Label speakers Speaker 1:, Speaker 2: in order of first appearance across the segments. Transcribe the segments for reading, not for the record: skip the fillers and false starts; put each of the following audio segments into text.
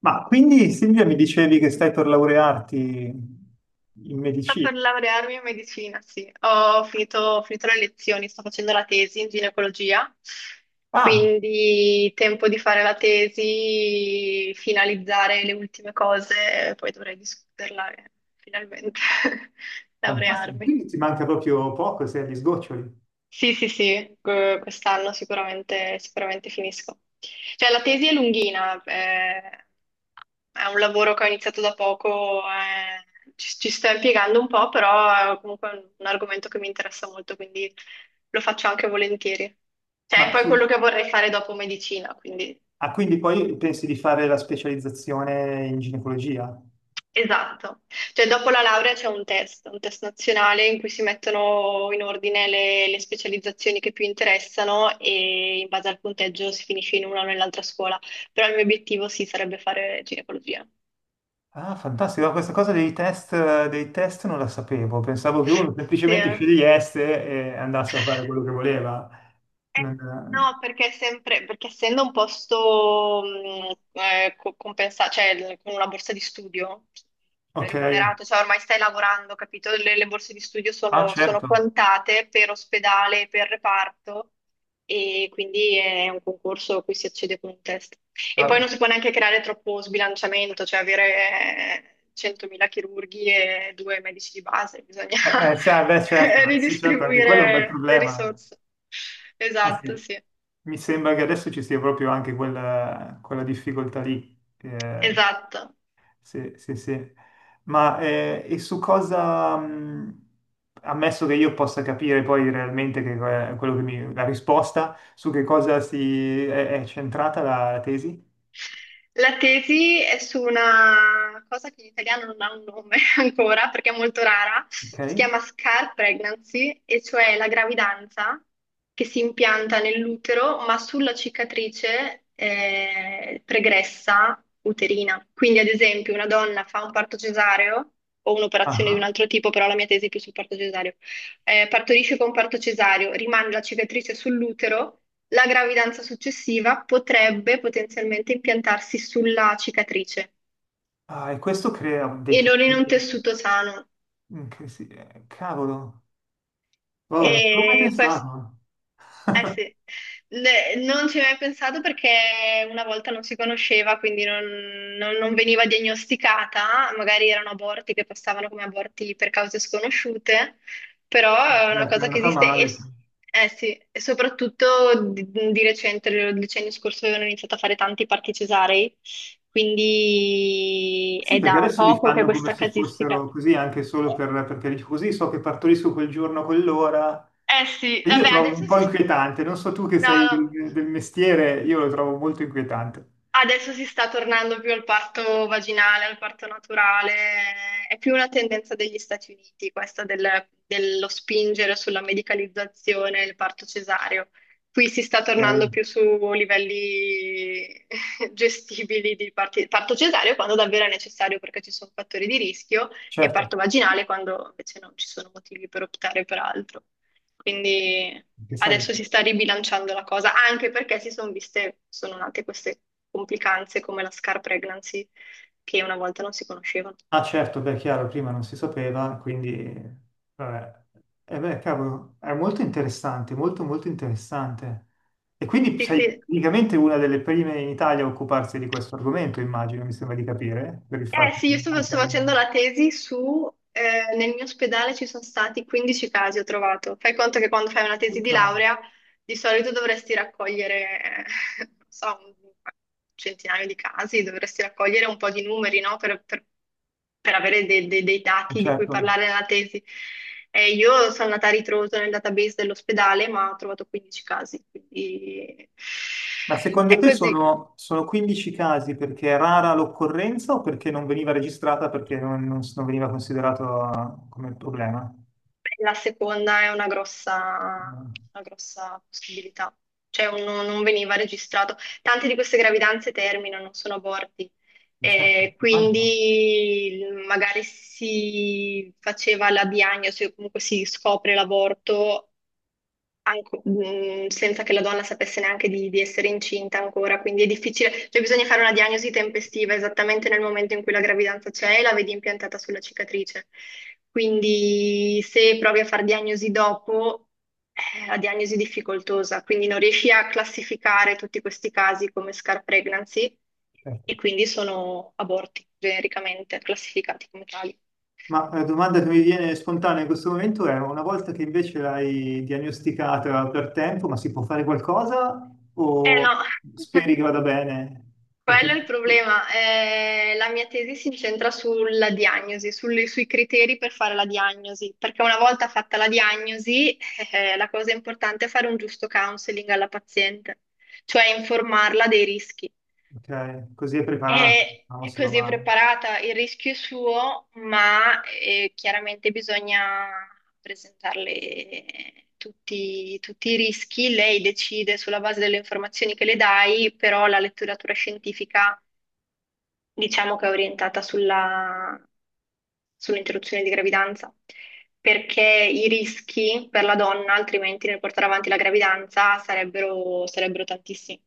Speaker 1: Ma quindi Silvia mi dicevi che stai per laurearti in
Speaker 2: Sto
Speaker 1: medicina.
Speaker 2: per laurearmi in medicina, sì. Ho finito le lezioni, sto facendo la tesi in ginecologia,
Speaker 1: Ah,
Speaker 2: quindi tempo di fare la tesi, finalizzare le ultime cose, poi dovrei discuterla e finalmente
Speaker 1: fantastico,
Speaker 2: laurearmi.
Speaker 1: quindi ti manca proprio poco, sei agli sgoccioli.
Speaker 2: Sì, sì, sì, quest'anno sicuramente, sicuramente finisco. Cioè, la tesi è lunghina, è un lavoro che ho iniziato da poco, ci sto impiegando un po', però è comunque un argomento che mi interessa molto, quindi lo faccio anche volentieri. Cioè, è
Speaker 1: Ma
Speaker 2: poi quello
Speaker 1: su...
Speaker 2: che vorrei fare dopo medicina, quindi.
Speaker 1: Ah, quindi poi pensi di fare la specializzazione in ginecologia?
Speaker 2: Esatto, cioè dopo la laurea c'è un test nazionale in cui si mettono in ordine le specializzazioni che più interessano e in base al punteggio si finisce in una o nell'altra scuola, però il mio obiettivo sì sarebbe fare ginecologia.
Speaker 1: Ah, fantastico, questa cosa dei test non la sapevo, pensavo che uno
Speaker 2: Sì,
Speaker 1: semplicemente
Speaker 2: eh.
Speaker 1: scegliesse e andasse a fare quello che voleva.
Speaker 2: Eh,
Speaker 1: Non-
Speaker 2: No, perché, è sempre, perché essendo un posto cioè con una borsa di studio
Speaker 1: ok,
Speaker 2: remunerato, cioè ormai stai lavorando, capito? Le borse di studio
Speaker 1: ah
Speaker 2: sono
Speaker 1: certo.
Speaker 2: quantate per ospedale, per reparto e quindi è un concorso a cui si accede con un test. E poi non
Speaker 1: Ah,
Speaker 2: si può neanche creare troppo sbilanciamento, cioè avere 100.000 chirurghi e due medici di base, bisogna
Speaker 1: sì, ah, beh certo, sì certo, anche quello è un bel
Speaker 2: ridistribuire le
Speaker 1: problema.
Speaker 2: risorse.
Speaker 1: Ah,
Speaker 2: Esatto,
Speaker 1: sì.
Speaker 2: sì,
Speaker 1: Mi sembra che adesso ci sia proprio anche quella, quella difficoltà lì.
Speaker 2: esatto.
Speaker 1: Sì, sì, sì. Ma e su cosa, ammesso che io possa capire poi realmente che, que- quello che mi, la risposta, su che cosa si, è centrata la, la tesi?
Speaker 2: La tesi è su una cosa che in italiano non ha un nome ancora perché è molto rara,
Speaker 1: Ok?
Speaker 2: si chiama scar pregnancy, e cioè la gravidanza che si impianta nell'utero ma sulla cicatrice pregressa uterina. Quindi, ad esempio, una donna fa un parto cesareo o un'operazione di
Speaker 1: Ah,
Speaker 2: un altro tipo, però la mia tesi è più sul parto cesareo, partorisce con parto cesareo, rimane la cicatrice sull'utero. La gravidanza successiva potrebbe potenzialmente impiantarsi sulla cicatrice
Speaker 1: ah, e questo crea dei
Speaker 2: e non in un
Speaker 1: casini.
Speaker 2: tessuto sano.
Speaker 1: Che si- cavolo, oh, non ci avevo mai
Speaker 2: E quest-
Speaker 1: pensato.
Speaker 2: Eh sì, Non ci ho mai pensato perché una volta non si conosceva, quindi non veniva diagnosticata, magari erano aborti che passavano come aborti per cause sconosciute, però è una
Speaker 1: Certo, è
Speaker 2: cosa che
Speaker 1: andata
Speaker 2: esiste
Speaker 1: male, cioè.
Speaker 2: eh sì, e soprattutto di recente, il decennio scorso avevano iniziato a fare tanti parti cesarei, quindi
Speaker 1: Sì,
Speaker 2: è
Speaker 1: perché
Speaker 2: da
Speaker 1: adesso li
Speaker 2: poco che
Speaker 1: fanno come
Speaker 2: questa
Speaker 1: se
Speaker 2: casistica.
Speaker 1: fossero così anche solo per, perché dici così so che partorisco quel giorno, quell'ora.
Speaker 2: Eh sì,
Speaker 1: E io
Speaker 2: vabbè,
Speaker 1: trovo un
Speaker 2: adesso
Speaker 1: po'
Speaker 2: si.
Speaker 1: inquietante, non so tu che
Speaker 2: No,
Speaker 1: sei
Speaker 2: no.
Speaker 1: del, del mestiere, io lo trovo molto inquietante.
Speaker 2: Adesso si sta tornando più al parto vaginale, al parto naturale, è più una tendenza degli Stati Uniti questa dello spingere sulla medicalizzazione del parto cesareo. Qui si sta tornando
Speaker 1: Ok?
Speaker 2: più su livelli gestibili di parto cesareo quando davvero è necessario perché ci sono fattori di rischio e
Speaker 1: Certo.
Speaker 2: parto vaginale quando invece non ci sono motivi per optare per altro. Quindi
Speaker 1: Che sai?
Speaker 2: adesso si sta ribilanciando la cosa, anche perché sono nate queste complicanze come la scar pregnancy, che una volta non si conoscevano.
Speaker 1: Ah certo, beh, chiaro, prima non si sapeva, quindi... Vabbè. Eh beh, cavolo, è molto interessante, molto molto interessante. E quindi
Speaker 2: Sì,
Speaker 1: sei
Speaker 2: sì.
Speaker 1: praticamente una delle prime in Italia a occuparsi di questo argomento, immagino, mi sembra di capire, per il
Speaker 2: Eh
Speaker 1: fatto
Speaker 2: sì,
Speaker 1: che
Speaker 2: io sto,
Speaker 1: anche
Speaker 2: sto
Speaker 1: al
Speaker 2: facendo
Speaker 1: mondo.
Speaker 2: la tesi nel mio ospedale ci sono stati 15 casi, ho trovato. Fai conto che quando fai una tesi
Speaker 1: Ok.
Speaker 2: di laurea di solito dovresti raccogliere, non so, un centinaio di casi, dovresti raccogliere un po' di numeri, no? Per avere dei dati di cui
Speaker 1: Certo.
Speaker 2: parlare nella tesi. E io sono andata a ritroso nel database dell'ospedale, ma ho trovato 15 casi, quindi
Speaker 1: Ma secondo
Speaker 2: è
Speaker 1: te
Speaker 2: così.
Speaker 1: sono, sono 15 casi perché è rara l'occorrenza o perché non veniva registrata perché non veniva considerato come problema?
Speaker 2: La seconda è una grossa,
Speaker 1: No.
Speaker 2: una grossa possibilità, cioè non veniva registrato. Tante di queste gravidanze terminano, non sono aborti,
Speaker 1: Certo, immagino.
Speaker 2: Quindi magari si faceva la diagnosi o comunque si scopre l'aborto senza che la donna sapesse neanche di essere incinta ancora, quindi è difficile, cioè bisogna fare una diagnosi tempestiva esattamente nel momento in cui la gravidanza c'è e la vedi impiantata sulla cicatrice. Quindi se provi a fare diagnosi dopo, è la diagnosi è difficoltosa, quindi non riesci a classificare tutti questi casi come scar pregnancy
Speaker 1: Certo.
Speaker 2: e quindi sono aborti genericamente classificati come tali.
Speaker 1: Ma la domanda che mi viene spontanea in questo momento è, una volta che invece l'hai diagnosticata per tempo, ma si può fare qualcosa
Speaker 2: Eh
Speaker 1: o
Speaker 2: no.
Speaker 1: speri che vada bene? Perché
Speaker 2: Quello è il problema. La mia tesi si incentra sulla diagnosi, sui criteri per fare la diagnosi, perché una volta fatta la diagnosi, la cosa importante è fare un giusto counseling alla paziente, cioè informarla dei rischi.
Speaker 1: ok, così è preparato,
Speaker 2: E
Speaker 1: non se va
Speaker 2: così è
Speaker 1: male.
Speaker 2: preparata, il rischio è suo, ma chiaramente bisogna presentarle tutti i rischi. Lei decide sulla base delle informazioni che le dai, però la letteratura scientifica diciamo che è orientata sull'interruzione di gravidanza, perché i rischi per la donna, altrimenti nel portare avanti la gravidanza, sarebbero tantissimi.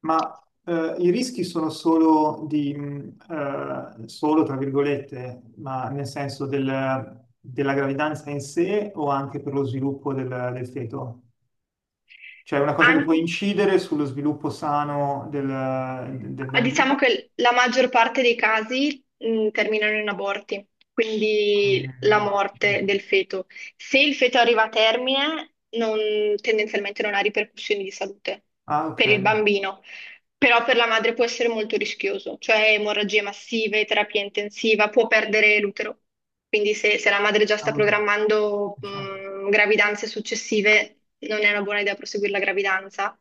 Speaker 1: Ma i rischi sono solo di, solo tra virgolette, ma nel senso del- della gravidanza in sé o anche per lo sviluppo del, del feto? Cioè è una cosa che
Speaker 2: An-
Speaker 1: può incidere sullo sviluppo sano del, del
Speaker 2: diciamo
Speaker 1: bambino.
Speaker 2: che la maggior parte dei casi, terminano in aborti, quindi la
Speaker 1: Eh,
Speaker 2: morte del feto. Se il feto arriva a termine, tendenzialmente non ha ripercussioni di salute
Speaker 1: Ah, ok.
Speaker 2: per il bambino. Però per la madre può essere molto rischioso, cioè emorragie massive, terapia intensiva, può perdere l'utero. Quindi se la madre già sta
Speaker 1: Cavolo.
Speaker 2: programmando
Speaker 1: Certo,
Speaker 2: gravidanze successive, non è una buona idea proseguire la gravidanza.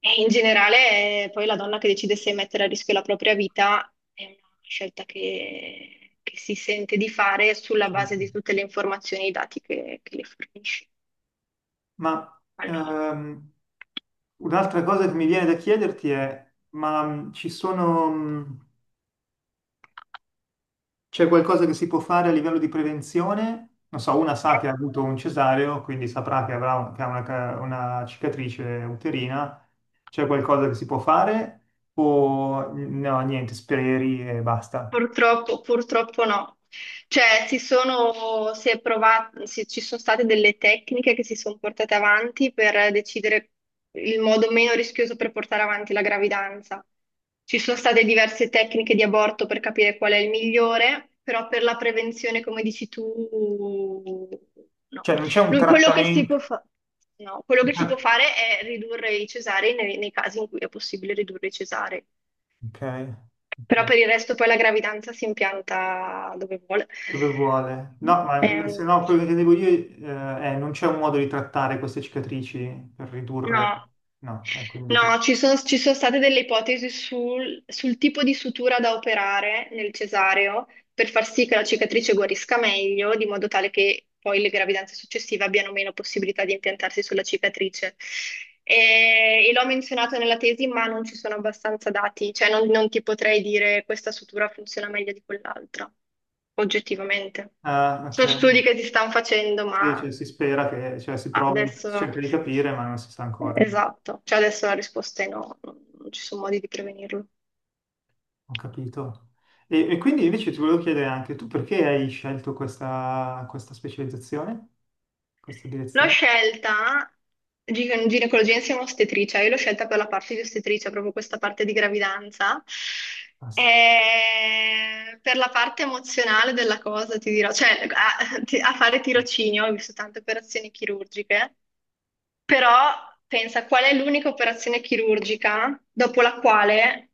Speaker 2: E in generale, poi la donna che decide se mettere a rischio la propria vita è una scelta che si sente di fare sulla base
Speaker 1: certo.
Speaker 2: di tutte le informazioni e i dati che le fornisce.
Speaker 1: Ma
Speaker 2: Allora.
Speaker 1: un'altra cosa che mi viene da chiederti è, ma ci sono... c'è qualcosa che si può fare a livello di prevenzione? Non so, una sa che ha avuto un cesareo, quindi saprà che avrà che ha una, ca- una cicatrice uterina. C'è qualcosa che si può fare? O no, niente, speri e basta.
Speaker 2: Purtroppo, purtroppo no. Cioè, si sono, si è provat- si- ci sono state delle tecniche che si sono portate avanti per decidere il modo meno rischioso per portare avanti la gravidanza. Ci sono state diverse tecniche di aborto per capire qual è il migliore, però per la prevenzione, come dici tu, no.
Speaker 1: Cioè, non c'è un
Speaker 2: Lui- Quello che si
Speaker 1: trattamento.
Speaker 2: può fa- No, quello che si può fare è ridurre i cesarei nei casi in cui è possibile ridurre i cesarei.
Speaker 1: Ok,
Speaker 2: Però
Speaker 1: ok.
Speaker 2: per il resto poi la gravidanza si impianta dove vuole.
Speaker 1: Dove vuole? No, ma se
Speaker 2: Ehm,
Speaker 1: no, quello che devo dire è non c'è un modo di trattare queste cicatrici per ridurre.
Speaker 2: No.
Speaker 1: No, quindi, te-
Speaker 2: No, ci sono state delle ipotesi sul tipo di sutura da operare nel cesareo per far sì che la cicatrice guarisca meglio, di modo tale che poi le gravidanze successive abbiano meno possibilità di impiantarsi sulla cicatrice. E l'ho menzionato nella tesi, ma non ci sono abbastanza dati, cioè non ti potrei dire questa sutura funziona meglio di quell'altra, oggettivamente.
Speaker 1: ah, ok.
Speaker 2: Sono studi che si stanno facendo,
Speaker 1: Sì,
Speaker 2: ma
Speaker 1: cioè, si spera che, cioè, si prova, di- si
Speaker 2: adesso.
Speaker 1: cerca di capire, ma non si sa ancora.
Speaker 2: Esatto, cioè adesso la risposta è no, non ci sono modi di prevenirlo.
Speaker 1: Ho capito. E quindi invece ti volevo chiedere anche tu perché hai scelto questa, questa specializzazione, questa
Speaker 2: L'ho
Speaker 1: direzione?
Speaker 2: scelta ginecologia insieme a ostetricia, io l'ho scelta per la parte di ostetricia, proprio questa parte di gravidanza.
Speaker 1: Ah, sì.
Speaker 2: E per la parte emozionale della cosa ti dirò, cioè a fare tirocinio, ho visto tante operazioni chirurgiche. Però pensa qual è l'unica operazione chirurgica dopo la quale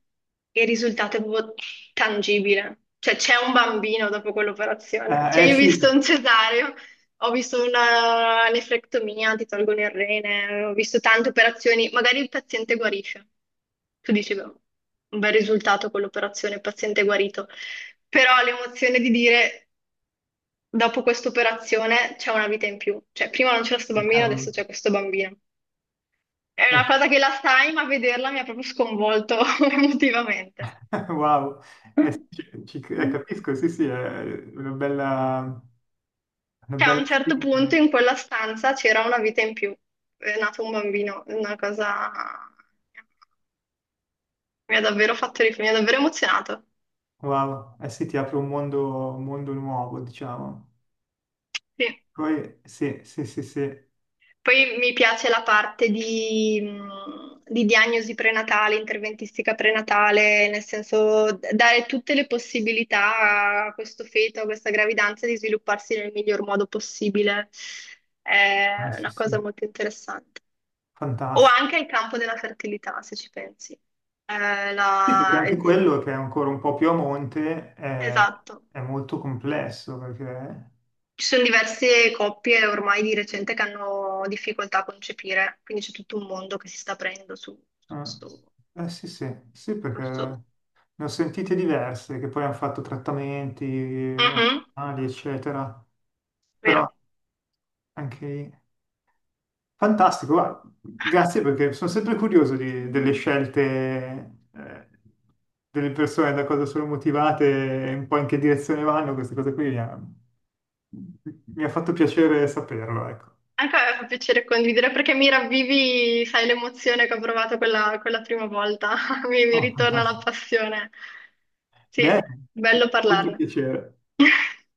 Speaker 2: il risultato è proprio tangibile. Cioè c'è un bambino dopo quell'operazione. Cioè io ho
Speaker 1: Sì,
Speaker 2: visto un cesareo, ho visto una nefrectomia, ti tolgono il rene, ho visto tante operazioni, magari il paziente guarisce. Tu dici, beh, un bel risultato quell'operazione, il paziente è guarito. Però l'emozione di dire dopo questa operazione c'è una vita in più. Cioè prima non c'era questo bambino, adesso
Speaker 1: cavolo.
Speaker 2: c'è questo bambino. È una
Speaker 1: Sì.
Speaker 2: cosa che la sai, ma vederla mi ha proprio sconvolto emotivamente.
Speaker 1: Wow, sì, ci- ci-
Speaker 2: Cioè,
Speaker 1: capisco, sì, sì, è una bella, una
Speaker 2: a
Speaker 1: bella
Speaker 2: un certo
Speaker 1: sfida.
Speaker 2: punto in quella stanza c'era una vita in più. È nato un bambino, è una cosa mi ha davvero fatto riflettere, mi ha davvero emozionato.
Speaker 1: Wow, eh sì, ti apre un mondo nuovo, diciamo.
Speaker 2: Sì.
Speaker 1: Poi, sì, sì, sì, sì,
Speaker 2: Poi mi piace la parte di diagnosi prenatale, interventistica prenatale, nel senso dare tutte le possibilità a questo feto, a questa gravidanza di svilupparsi nel miglior modo possibile.
Speaker 1: ah,
Speaker 2: È
Speaker 1: sì,
Speaker 2: una
Speaker 1: sì,
Speaker 2: cosa molto interessante. O
Speaker 1: fantastico.
Speaker 2: anche il campo della fertilità, se ci pensi. Eh,
Speaker 1: Sì, perché
Speaker 2: la-
Speaker 1: anche quello che è ancora un po' più a monte
Speaker 2: Esatto.
Speaker 1: è molto complesso perché...
Speaker 2: Ci sono diverse coppie ormai di recente che hanno difficoltà a concepire, quindi c'è tutto un mondo che si sta aprendo su questo.
Speaker 1: Eh, sì, sì, sì, perché
Speaker 2: Giusto?
Speaker 1: ne ho sentite diverse che poi hanno fatto trattamenti
Speaker 2: Mhm,
Speaker 1: ormonali, eccetera. Però
Speaker 2: vero.
Speaker 1: anche... Fantastico, guarda, grazie perché sono sempre curioso di- delle scelte, delle persone, da cosa sono motivate e un po' in che direzione vanno, queste cose qui mi ha fatto piacere saperlo, ecco.
Speaker 2: Anche a me fa piacere condividere perché mi ravvivi, sai, l'emozione che ho provato quella prima volta. Mi
Speaker 1: Oh,
Speaker 2: ritorna la
Speaker 1: fantastico.
Speaker 2: passione.
Speaker 1: Beh,
Speaker 2: Sì, bello
Speaker 1: molto
Speaker 2: parlarne.
Speaker 1: piacere.